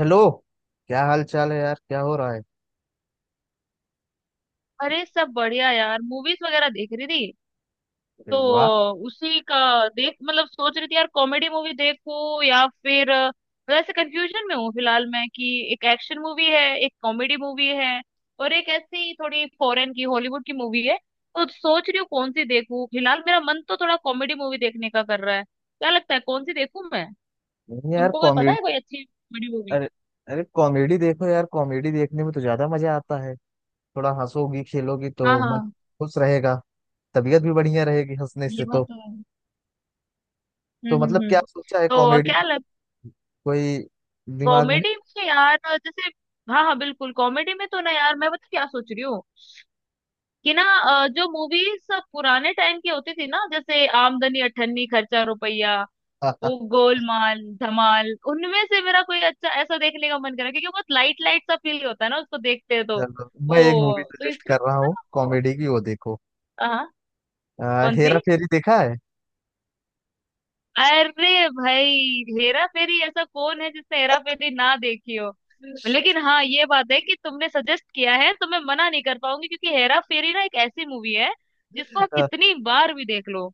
Hello. क्या हाल चाल है यार, क्या हो रहा है? अरे सब बढ़िया यार, मूवीज वगैरह देख रही थी। अरे तो वाह। उसी का देख, मतलब सोच रही थी यार कॉमेडी मूवी देखूं या फिर मतलब ऐसे कंफ्यूजन में हूँ फिलहाल मैं कि एक एक्शन मूवी है, एक कॉमेडी मूवी है, और एक ऐसी थोड़ी फॉरेन की, हॉलीवुड की मूवी है। तो सोच रही हूँ कौन सी देखूं। फिलहाल मेरा मन तो थोड़ा कॉमेडी मूवी देखने का कर रहा है, क्या लगता है कौन सी देखूं मैं? नहीं यार, तुमको कोई पता कॉमेडी। है कोई अच्छी कॉमेडी मूवी? अरे अरे, कॉमेडी देखो यार, कॉमेडी देखने में तो ज्यादा मजा आता है। थोड़ा हंसोगी खेलोगी तो हाँ मन हाँ, खुश रहेगा। तबीयत भी बढ़िया रहेगी हंसने ये से बात तो। तो है। तो हम्म मतलब हम्म हम्म क्या सोचा है तो कॉमेडी में, क्या लग, कोई दिमाग में कॉमेडी में यार जैसे, हाँ हाँ बिल्कुल कॉमेडी में तो, ना यार मैं पता क्या सोच रही हूँ, कि ना जो मूवीज पुराने टाइम की होती थी ना, जैसे आमदनी अठन्नी खर्चा रुपया, है? वो गोलमाल धमाल, उनमें से मेरा कोई अच्छा ऐसा देखने का मन करा, क्योंकि बहुत लाइट लाइट सा फील होता है ना उसको देखते हैं तो। चलो मैं एक मूवी वो तो सजेस्ट इसके कर रहा लिए हूँ ना वो, कॉमेडी की, वो देखो। हाँ। कौन सी? हेरा फेरी देखा है? अरे भाई हेरा फेरी, ऐसा कौन है जिसने हेरा फेरी ना देखी हो। लेकिन हाँ, ये बात है कि तुमने सजेस्ट किया है तो मैं मना नहीं कर पाऊंगी, क्योंकि हेरा फेरी ना एक ऐसी मूवी है जिसको आप कितनी बार भी देख लो।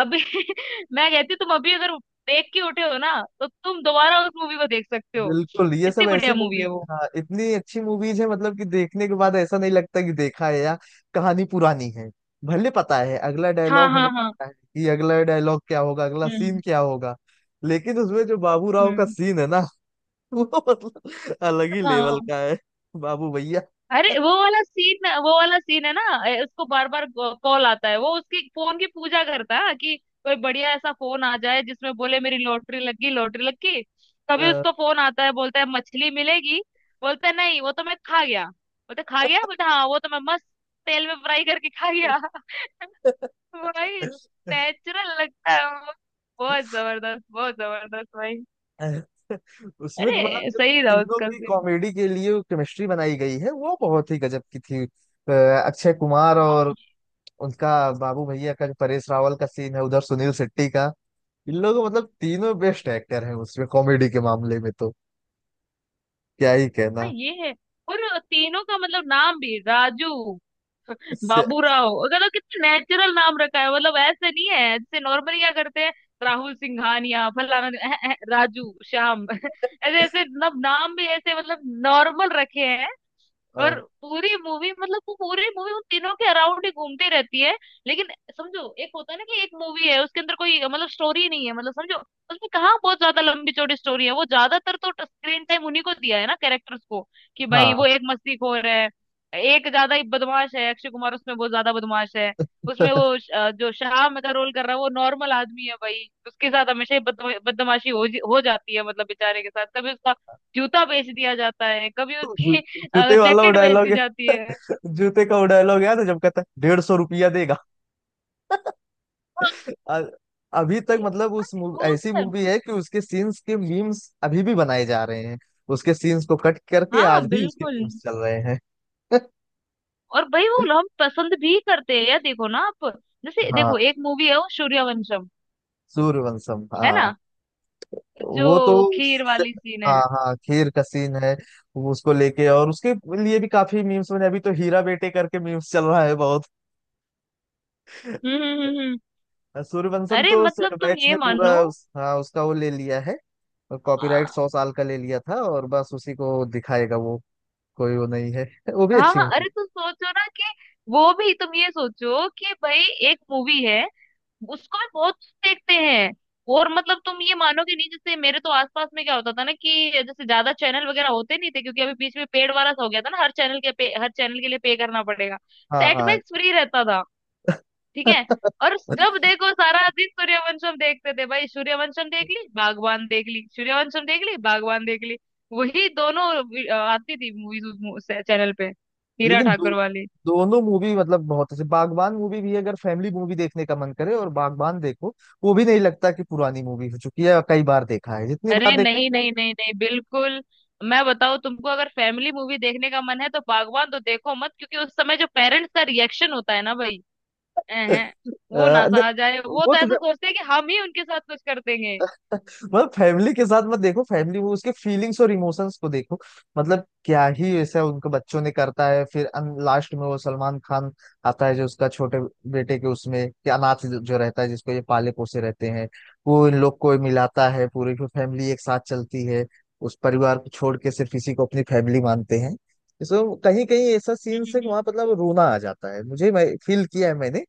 अभी मैं कहती हूँ, तुम अभी अगर देख के उठे हो ना, तो तुम दोबारा उस मूवी को देख सकते हो, बिल्कुल, ये इतनी सब ऐसी बढ़िया मूवी मूवी। है वो। हाँ, इतनी अच्छी मूवीज है मतलब कि देखने के बाद ऐसा नहीं लगता कि देखा है, या कहानी पुरानी है। भले पता है अगला हाँ डायलॉग, हमें हाँ हाँ। पता है कि अगला डायलॉग क्या होगा, अगला सीन हम्म क्या होगा, लेकिन उसमें जो बाबू राव का हम्म। सीन है ना, वो मतलब अलग ही लेवल हाँ, का है। बाबू भैया। अरे वो वाला सीन, वो वाला सीन है ना, उसको बार बार कॉल आता है, वो उसकी फोन की पूजा करता है कि कोई बढ़िया ऐसा फोन आ जाए जिसमें बोले मेरी लॉटरी लग गई, लॉटरी लग गई। कभी अ, उसको फोन आता है बोलता है मछली मिलेगी, बोलता है नहीं वो तो मैं खा गया, बोलता है खा गया, बोलता है हाँ वो तो मैं मस्त तेल में फ्राई करके खा गया भाई नेचुरल लगता है वो, बहुत जबरदस्त, बहुत जबरदस्त भाई। उसमें तो मतलब अरे जो सही था तीनों उसका की सीन। कॉमेडी के लिए केमिस्ट्री बनाई गई है वो बहुत ही गजब की थी। अक्षय कुमार और उनका बाबू भैया का जो परेश रावल का सीन है, उधर सुनील शेट्टी का, इन लोगों मतलब तीनों बेस्ट एक्टर हैं उसमें कॉमेडी के मामले में तो क्या ही हाँ कहना। ये है। और तीनों का मतलब नाम भी राजू, इससे, बाबूराव, मतलब कितना नेचुरल नाम रखा है। मतलब ऐसे नहीं है जैसे नॉर्मली क्या करते हैं, राहुल सिंघानिया फलाना राजू श्याम ऐसे ऐसे मतलब नाम भी ऐसे, मतलब नॉर्मल रखे। और अ, पूरी मूवी मतलब वो पूरी मूवी उन तीनों के अराउंड ही घूमती रहती है। लेकिन समझो, एक होता है ना कि एक मूवी है उसके अंदर कोई मतलब स्टोरी नहीं है, मतलब समझो उसमें कहाँ बहुत ज्यादा लंबी चौड़ी स्टोरी है। वो ज्यादातर तो स्क्रीन टाइम उन्हीं को दिया है ना कैरेक्टर्स को, कि भाई हाँ, वो एक मस्तीखोर है, एक ज्यादा ही बदमाश है, अक्षय कुमार उसमें बहुत ज्यादा बदमाश है। उसमें वो जो श्याम का रोल कर रहा है वो नॉर्मल आदमी है भाई, उसके साथ हमेशा ही बदमाशी हो जाती है, मतलब बेचारे के साथ कभी उसका जूता बेच दिया जाता है कभी तो उसके जूते वाला वो जैकेट बेच डायलॉग दी है। जाती है। जूते का वो डायलॉग याद है जब कहता है 150 रुपया देगा। हाँ, अ- अभी तक मतलब वो ऐसी तो है। मूवी है कि उसके सीन्स के मीम्स अभी भी बनाए जा रहे हैं। उसके सीन्स को कट करके हाँ आज भी उसके बिल्कुल। मीम्स चल रहे हैं। और भाई, वो हम पसंद भी करते हैं यार, देखो ना आप, जैसे हाँ देखो एक मूवी है वो सूर्यवंशम, सूर्यवंशम, है ना, हाँ। वो तो जो खीर स- वाली सीन हाँ है। हाँ, खीर का सीन है। वो उसको लेके और उसके लिए भी काफी मीम्स बने। अभी तो हीरा बेटे करके मीम्स चल रहा है बहुत। हम्म हम्म हम्म हम्म। सूर्यवंशम अरे तो मतलब तुम सेटबैक्स ये ने पूरा मानो। हाँ, उसका वो ले लिया है। और कॉपीराइट आ, 100 साल का ले लिया था और बस उसी को दिखाएगा वो। कोई वो नहीं है। वो भी हाँ अच्छी हाँ, मूवी अरे है। तुम सोचो ना कि, वो भी तुम ये सोचो कि भाई एक मूवी है, उसको भी बहुत देखते हैं। और मतलब तुम ये मानोगे नहीं जैसे मेरे तो आसपास में क्या होता था ना, कि जैसे ज्यादा चैनल वगैरह होते नहीं थे क्योंकि अभी बीच में पेड वाला सा हो गया था ना, हर हर चैनल के लिए पे करना पड़ेगा। सेट हाँ मैक्स फ्री रहता था, ठीक हाँ। है। और जब देखो सारा दिन सूर्यवंशम देखते थे भाई, सूर्यवंशम देख ली बागवान देख ली, सूर्यवंशम देख ली बागवान देख ली, वही दोनों आती थी मूवीज उस चैनल पे, हीरा लेकिन ठाकुर वाली। दोनों मूवी मतलब बहुत अच्छी। बागबान मूवी भी, अगर फैमिली मूवी देखने का मन करे और बागबान देखो। वो भी नहीं लगता कि पुरानी मूवी हो चुकी है, कई बार देखा है, जितनी बार अरे देखो। नहीं नहीं नहीं नहीं, बिल्कुल, मैं बताऊं तुमको, अगर फैमिली मूवी देखने का मन है तो बागवान तो देखो मत, क्योंकि उस समय जो पेरेंट्स का रिएक्शन होता है ना भाई, हैं, वो ना अ, नहीं, सहा जाए। वो वो तो तो ऐसा सोचते हैं कि हम ही उनके साथ कुछ कर देंगे। मतलब फैमिली के साथ मत देखो। फैमिली वो, उसके फीलिंग्स और इमोशंस को देखो, मतलब क्या ही ऐसा उनके बच्चों ने करता है फिर। लास्ट में वो सलमान खान आता है जो उसका छोटे बेटे के उसमें कि अनाथ जो जो रहता है, जिसको ये पाले पोसे रहते हैं, वो इन लोग को मिलाता है, पूरी फैमिली एक साथ चलती है। उस परिवार को छोड़ के सिर्फ इसी को अपनी फैमिली मानते हैं। इसमें कहीं कहीं ऐसा सीन से हम्म वहां मतलब रोना आ जाता है मुझे, मैं फील किया है मैंने।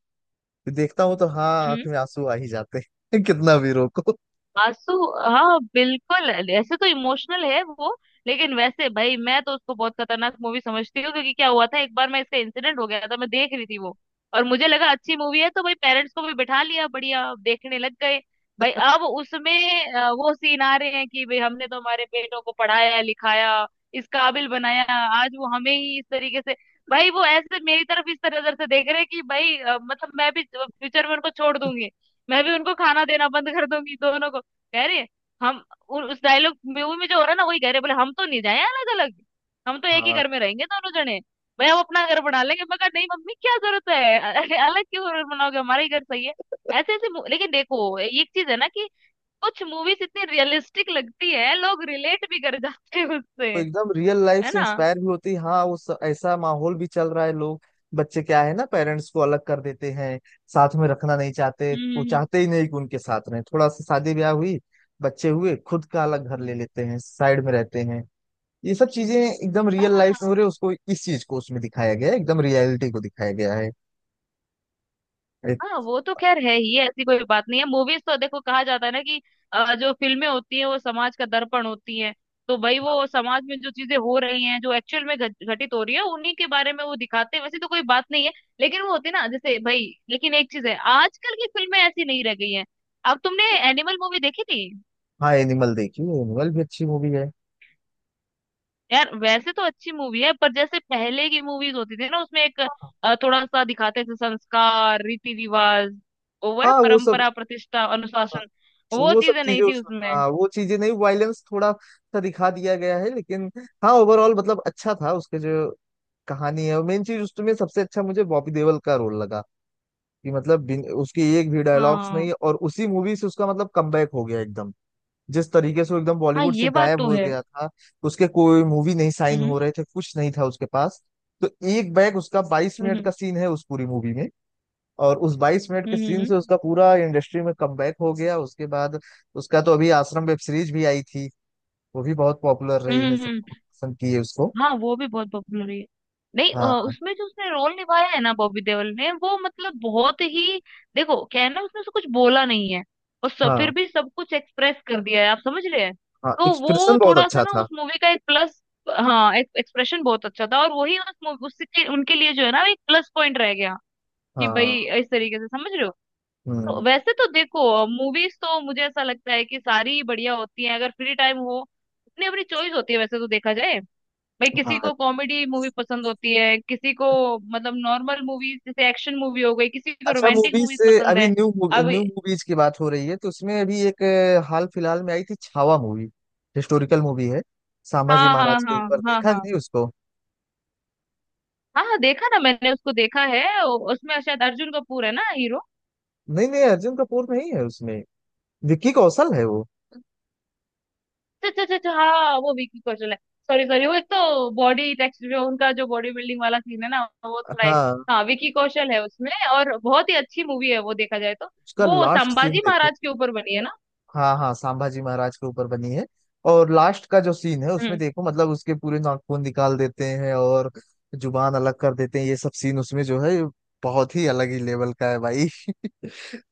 देखता हूँ तो हाँ, आंख हम्म, में आंसू आ ही जाते हैं कितना भी रोको। आंसू, हाँ बिल्कुल, ऐसे तो इमोशनल है वो। लेकिन वैसे भाई मैं तो उसको बहुत खतरनाक मूवी समझती हूँ, क्योंकि क्या हुआ था एक बार, मैं इसका इंसिडेंट हो गया था, मैं देख रही थी वो और मुझे लगा अच्छी मूवी है तो भाई पेरेंट्स को भी बिठा लिया, बढ़िया अब देखने लग गए। भाई अब उसमें वो सीन आ रहे हैं कि भाई हमने तो हमारे बेटों को पढ़ाया लिखाया, इस काबिल बनाया, आज वो हमें ही इस तरीके से। भाई वो ऐसे मेरी तरफ इस तरह नजर से देख रहे हैं कि भाई मतलब मैं भी फ्यूचर में उनको छोड़ दूंगी, मैं भी उनको खाना देना बंद कर दूंगी दोनों को। कह रहे हम, उस डायलॉग मूवी में जो हो रहा है ना वही कह रहे, बोले हम तो नहीं जाए अलग अलग, हम तो एक ही हाँ, घर में रहेंगे दोनों जने। भाई हम अपना घर बना लेंगे, मैं कहा नहीं मम्मी क्या जरूरत है, अरे अलग क्यों घर बनाओगे, हमारा ही घर सही है। ऐसे ऐसे लेकिन देखो एक चीज है ना कि कुछ मूवीज इतनी रियलिस्टिक लगती है, लोग रिलेट भी कर जाते हैं उससे, तो एकदम रियल लाइफ है से ना। इंस्पायर भी होती है। हाँ, उस ऐसा माहौल भी चल रहा है, लोग, बच्चे क्या है ना, पेरेंट्स को अलग कर देते हैं, साथ में रखना नहीं चाहते। हम्म वो हम्म, चाहते ही नहीं कि उनके साथ रहें। थोड़ा सा शादी ब्याह हुई, बच्चे हुए, खुद का अलग घर ले हम्म। लेते हैं, साइड में रहते हैं। ये सब चीजें एकदम हाँ रियल लाइफ में हो हाँ रहे, उसको, इस चीज को उसमें दिखाया गया है, एकदम रियलिटी को दिखाया गया है। एक- हाँ, वो तो खैर है ही, ऐसी कोई बात नहीं है। मूवीज तो देखो कहा जाता है ना कि जो फिल्में होती हैं वो समाज का दर्पण होती हैं। तो भाई वो समाज में जो चीजें हो रही हैं, जो एक्चुअल में घटित हो रही है उन्हीं के बारे में वो दिखाते हैं, वैसे तो कोई बात नहीं है। लेकिन वो होती है ना जैसे भाई, लेकिन एक चीज है, आजकल की फिल्में ऐसी नहीं रह गई हैं। अब तुमने एनिमल मूवी देखी थी, हाँ, एनिमल देखिए, एनिमल भी अच्छी मूवी है। यार वैसे तो अच्छी मूवी है पर जैसे पहले की मूवीज होती थी ना उसमें एक हाँ थोड़ा सा दिखाते थे, संस्कार, रीति रिवाज, वो है हाँ, वो सब, परंपरा, प्रतिष्ठा, अनुशासन, वो वो सब चीजें चीजें नहीं थी उसमें। उसमें। हाँ वो चीजें नहीं, वायलेंस थोड़ा सा दिखा दिया गया है, लेकिन हाँ ओवरऑल मतलब अच्छा था। उसके जो कहानी है, मेन चीज, उसमें सबसे अच्छा मुझे बॉबी देओल का रोल लगा कि मतलब उसकी एक भी डायलॉग्स हाँ नहीं, और उसी मूवी से उसका मतलब कमबैक हो गया एकदम, जिस तरीके से वो एकदम हाँ, बॉलीवुड से ये बात गायब तो हो है। गया था। उसके कोई मूवी नहीं साइन हम्म हो रहे थे, कुछ नहीं था उसके पास। तो एक बैग उसका बाईस हम्म मिनट हम्म का सीन है उस पूरी मूवी में, और उस 22 मिनट के हम्म सीन हम्म से उसका पूरा इंडस्ट्री में कमबैक हो गया उसके बाद। उसका तो अभी आश्रम वेब सीरीज भी आई थी, वो भी बहुत पॉपुलर हम्म रही है, हम्म, सबको हम्म, पसंद की है उसको। हाँ, वो भी बहुत पॉपुलर है। नहीं, हाँ उसमें जो उसने रोल निभाया है ना बॉबी देओल ने, वो मतलब बहुत ही, देखो क्या है ना उसने से कुछ बोला नहीं है, और सब फिर हाँ। भी सब कुछ एक्सप्रेस कर दिया है, आप समझ रहे हैं। हाँ, तो वो एक्सप्रेशन बहुत थोड़ा सा अच्छा ना था। उस मूवी का एक प्लस, हाँ एक एक्सप्रेशन बहुत अच्छा था, और वही उस मूवी उसके उनके लिए जो है ना, एक प्लस पॉइंट रह गया, कि हाँ। भाई इस तरीके से, समझ रहे हो। तो हम्म। वैसे तो देखो मूवीज तो मुझे ऐसा लगता है कि सारी ही बढ़िया होती हैं अगर फ्री टाइम हो। अपनी अपनी चॉइस होती है वैसे तो देखा जाए। भाई किसी हाँ। को कॉमेडी मूवी पसंद होती है, किसी को मतलब नॉर्मल मूवीज जैसे एक्शन मूवी हो गई, किसी को अच्छा, रोमांटिक मूवीज मूवीज से पसंद अभी है। न्यू अब, न्यू मूवीज की बात हो रही है तो उसमें अभी एक हाल फिलहाल में आई थी छावा मूवी। हिस्टोरिकल मूवी है। संभाजी हाँ हाँ महाराज के हाँ हाँ ऊपर, हाँ देखा कि हाँ नहीं उसको? हाँ, देखा ना मैंने, उसको देखा है। उसमें शायद अर्जुन कपूर है ना हीरो। नहीं नहीं, अर्जुन कपूर नहीं है उसमें, विक्की कौशल है वो। अच्छा अच्छा अच्छा अच्छा, हाँ वो विकी कौशल है। सॉरी सॉरी, वो एक तो बॉडी टेक्सचर जो उनका, जो बॉडी बिल्डिंग वाला सीन है ना वो थोड़ा एक-, हाँ हाँ विकी कौशल है उसमें, और बहुत ही अच्छी मूवी है वो देखा जाए तो। उसका वो लास्ट सीन संभाजी देखो। महाराज के ऊपर बनी है ना। हाँ हाँ, संभाजी महाराज के ऊपर बनी है, और लास्ट का जो सीन है उसमें हम्म, देखो मतलब उसके पूरे नाखून निकाल देते हैं और जुबान अलग कर देते हैं। ये सब सीन उसमें जो है, बहुत ही अलग ही लेवल का है भाई।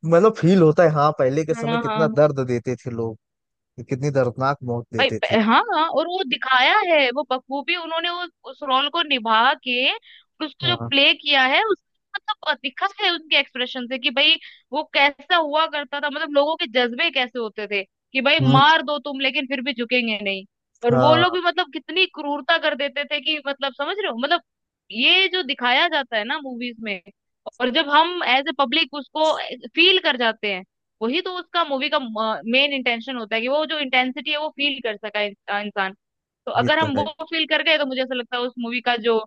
मतलब फील होता है हाँ, पहले के हाँ समय कितना हाँ। दर्द देते थे लोग, कितनी दर्दनाक मौत भाई देते थे। हाँ हाँ, और वो दिखाया है वो बखूबी उन्होंने उस रोल को निभा के, और उसको जो हाँ। प्ले किया है उस मतलब, दिखा है उनके एक्सप्रेशन से कि भाई वो कैसा हुआ करता था, मतलब लोगों के जज्बे कैसे होते थे कि भाई हम्म। मार दो तुम लेकिन फिर भी झुकेंगे नहीं। और वो लोग हाँ, भी मतलब कितनी क्रूरता कर देते थे कि मतलब, समझ रहे हो मतलब, ये जो दिखाया जाता है ना मूवीज में, और जब हम एज ए पब्लिक उसको फील कर जाते हैं, वही तो उसका मूवी का मेन इंटेंशन होता है, कि वो जो इंटेंसिटी है वो फील कर सका इंसान। तो ये अगर तो हम वो है। फील कर गए तो मुझे ऐसा लगता है उस मूवी का जो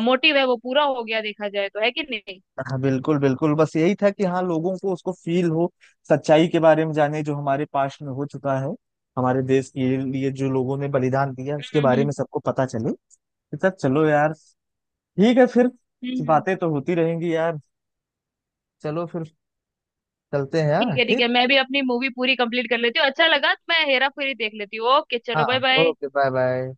मोटिव है वो पूरा हो गया देखा जाए तो, है कि नहीं। हाँ बिल्कुल बिल्कुल, बस यही था कि हाँ, लोगों को उसको फील हो, सच्चाई के बारे में जाने, जो हमारे पास्ट में हो चुका है, हमारे देश के लिए जो लोगों ने बलिदान दिया उसके हम्म बारे हम्म में सबको पता चले। तो सर चलो यार, ठीक है फिर। हम्म। बातें तो होती रहेंगी यार, चलो फिर, चलते हैं यार, ठीक है ठीक ठीक। है, मैं भी अपनी मूवी पूरी कंप्लीट कर लेती हूँ, अच्छा लगा तो मैं हेरा फेरी देख लेती हूँ। ओके, चलो हाँ, bye bye. Okay, bye bye.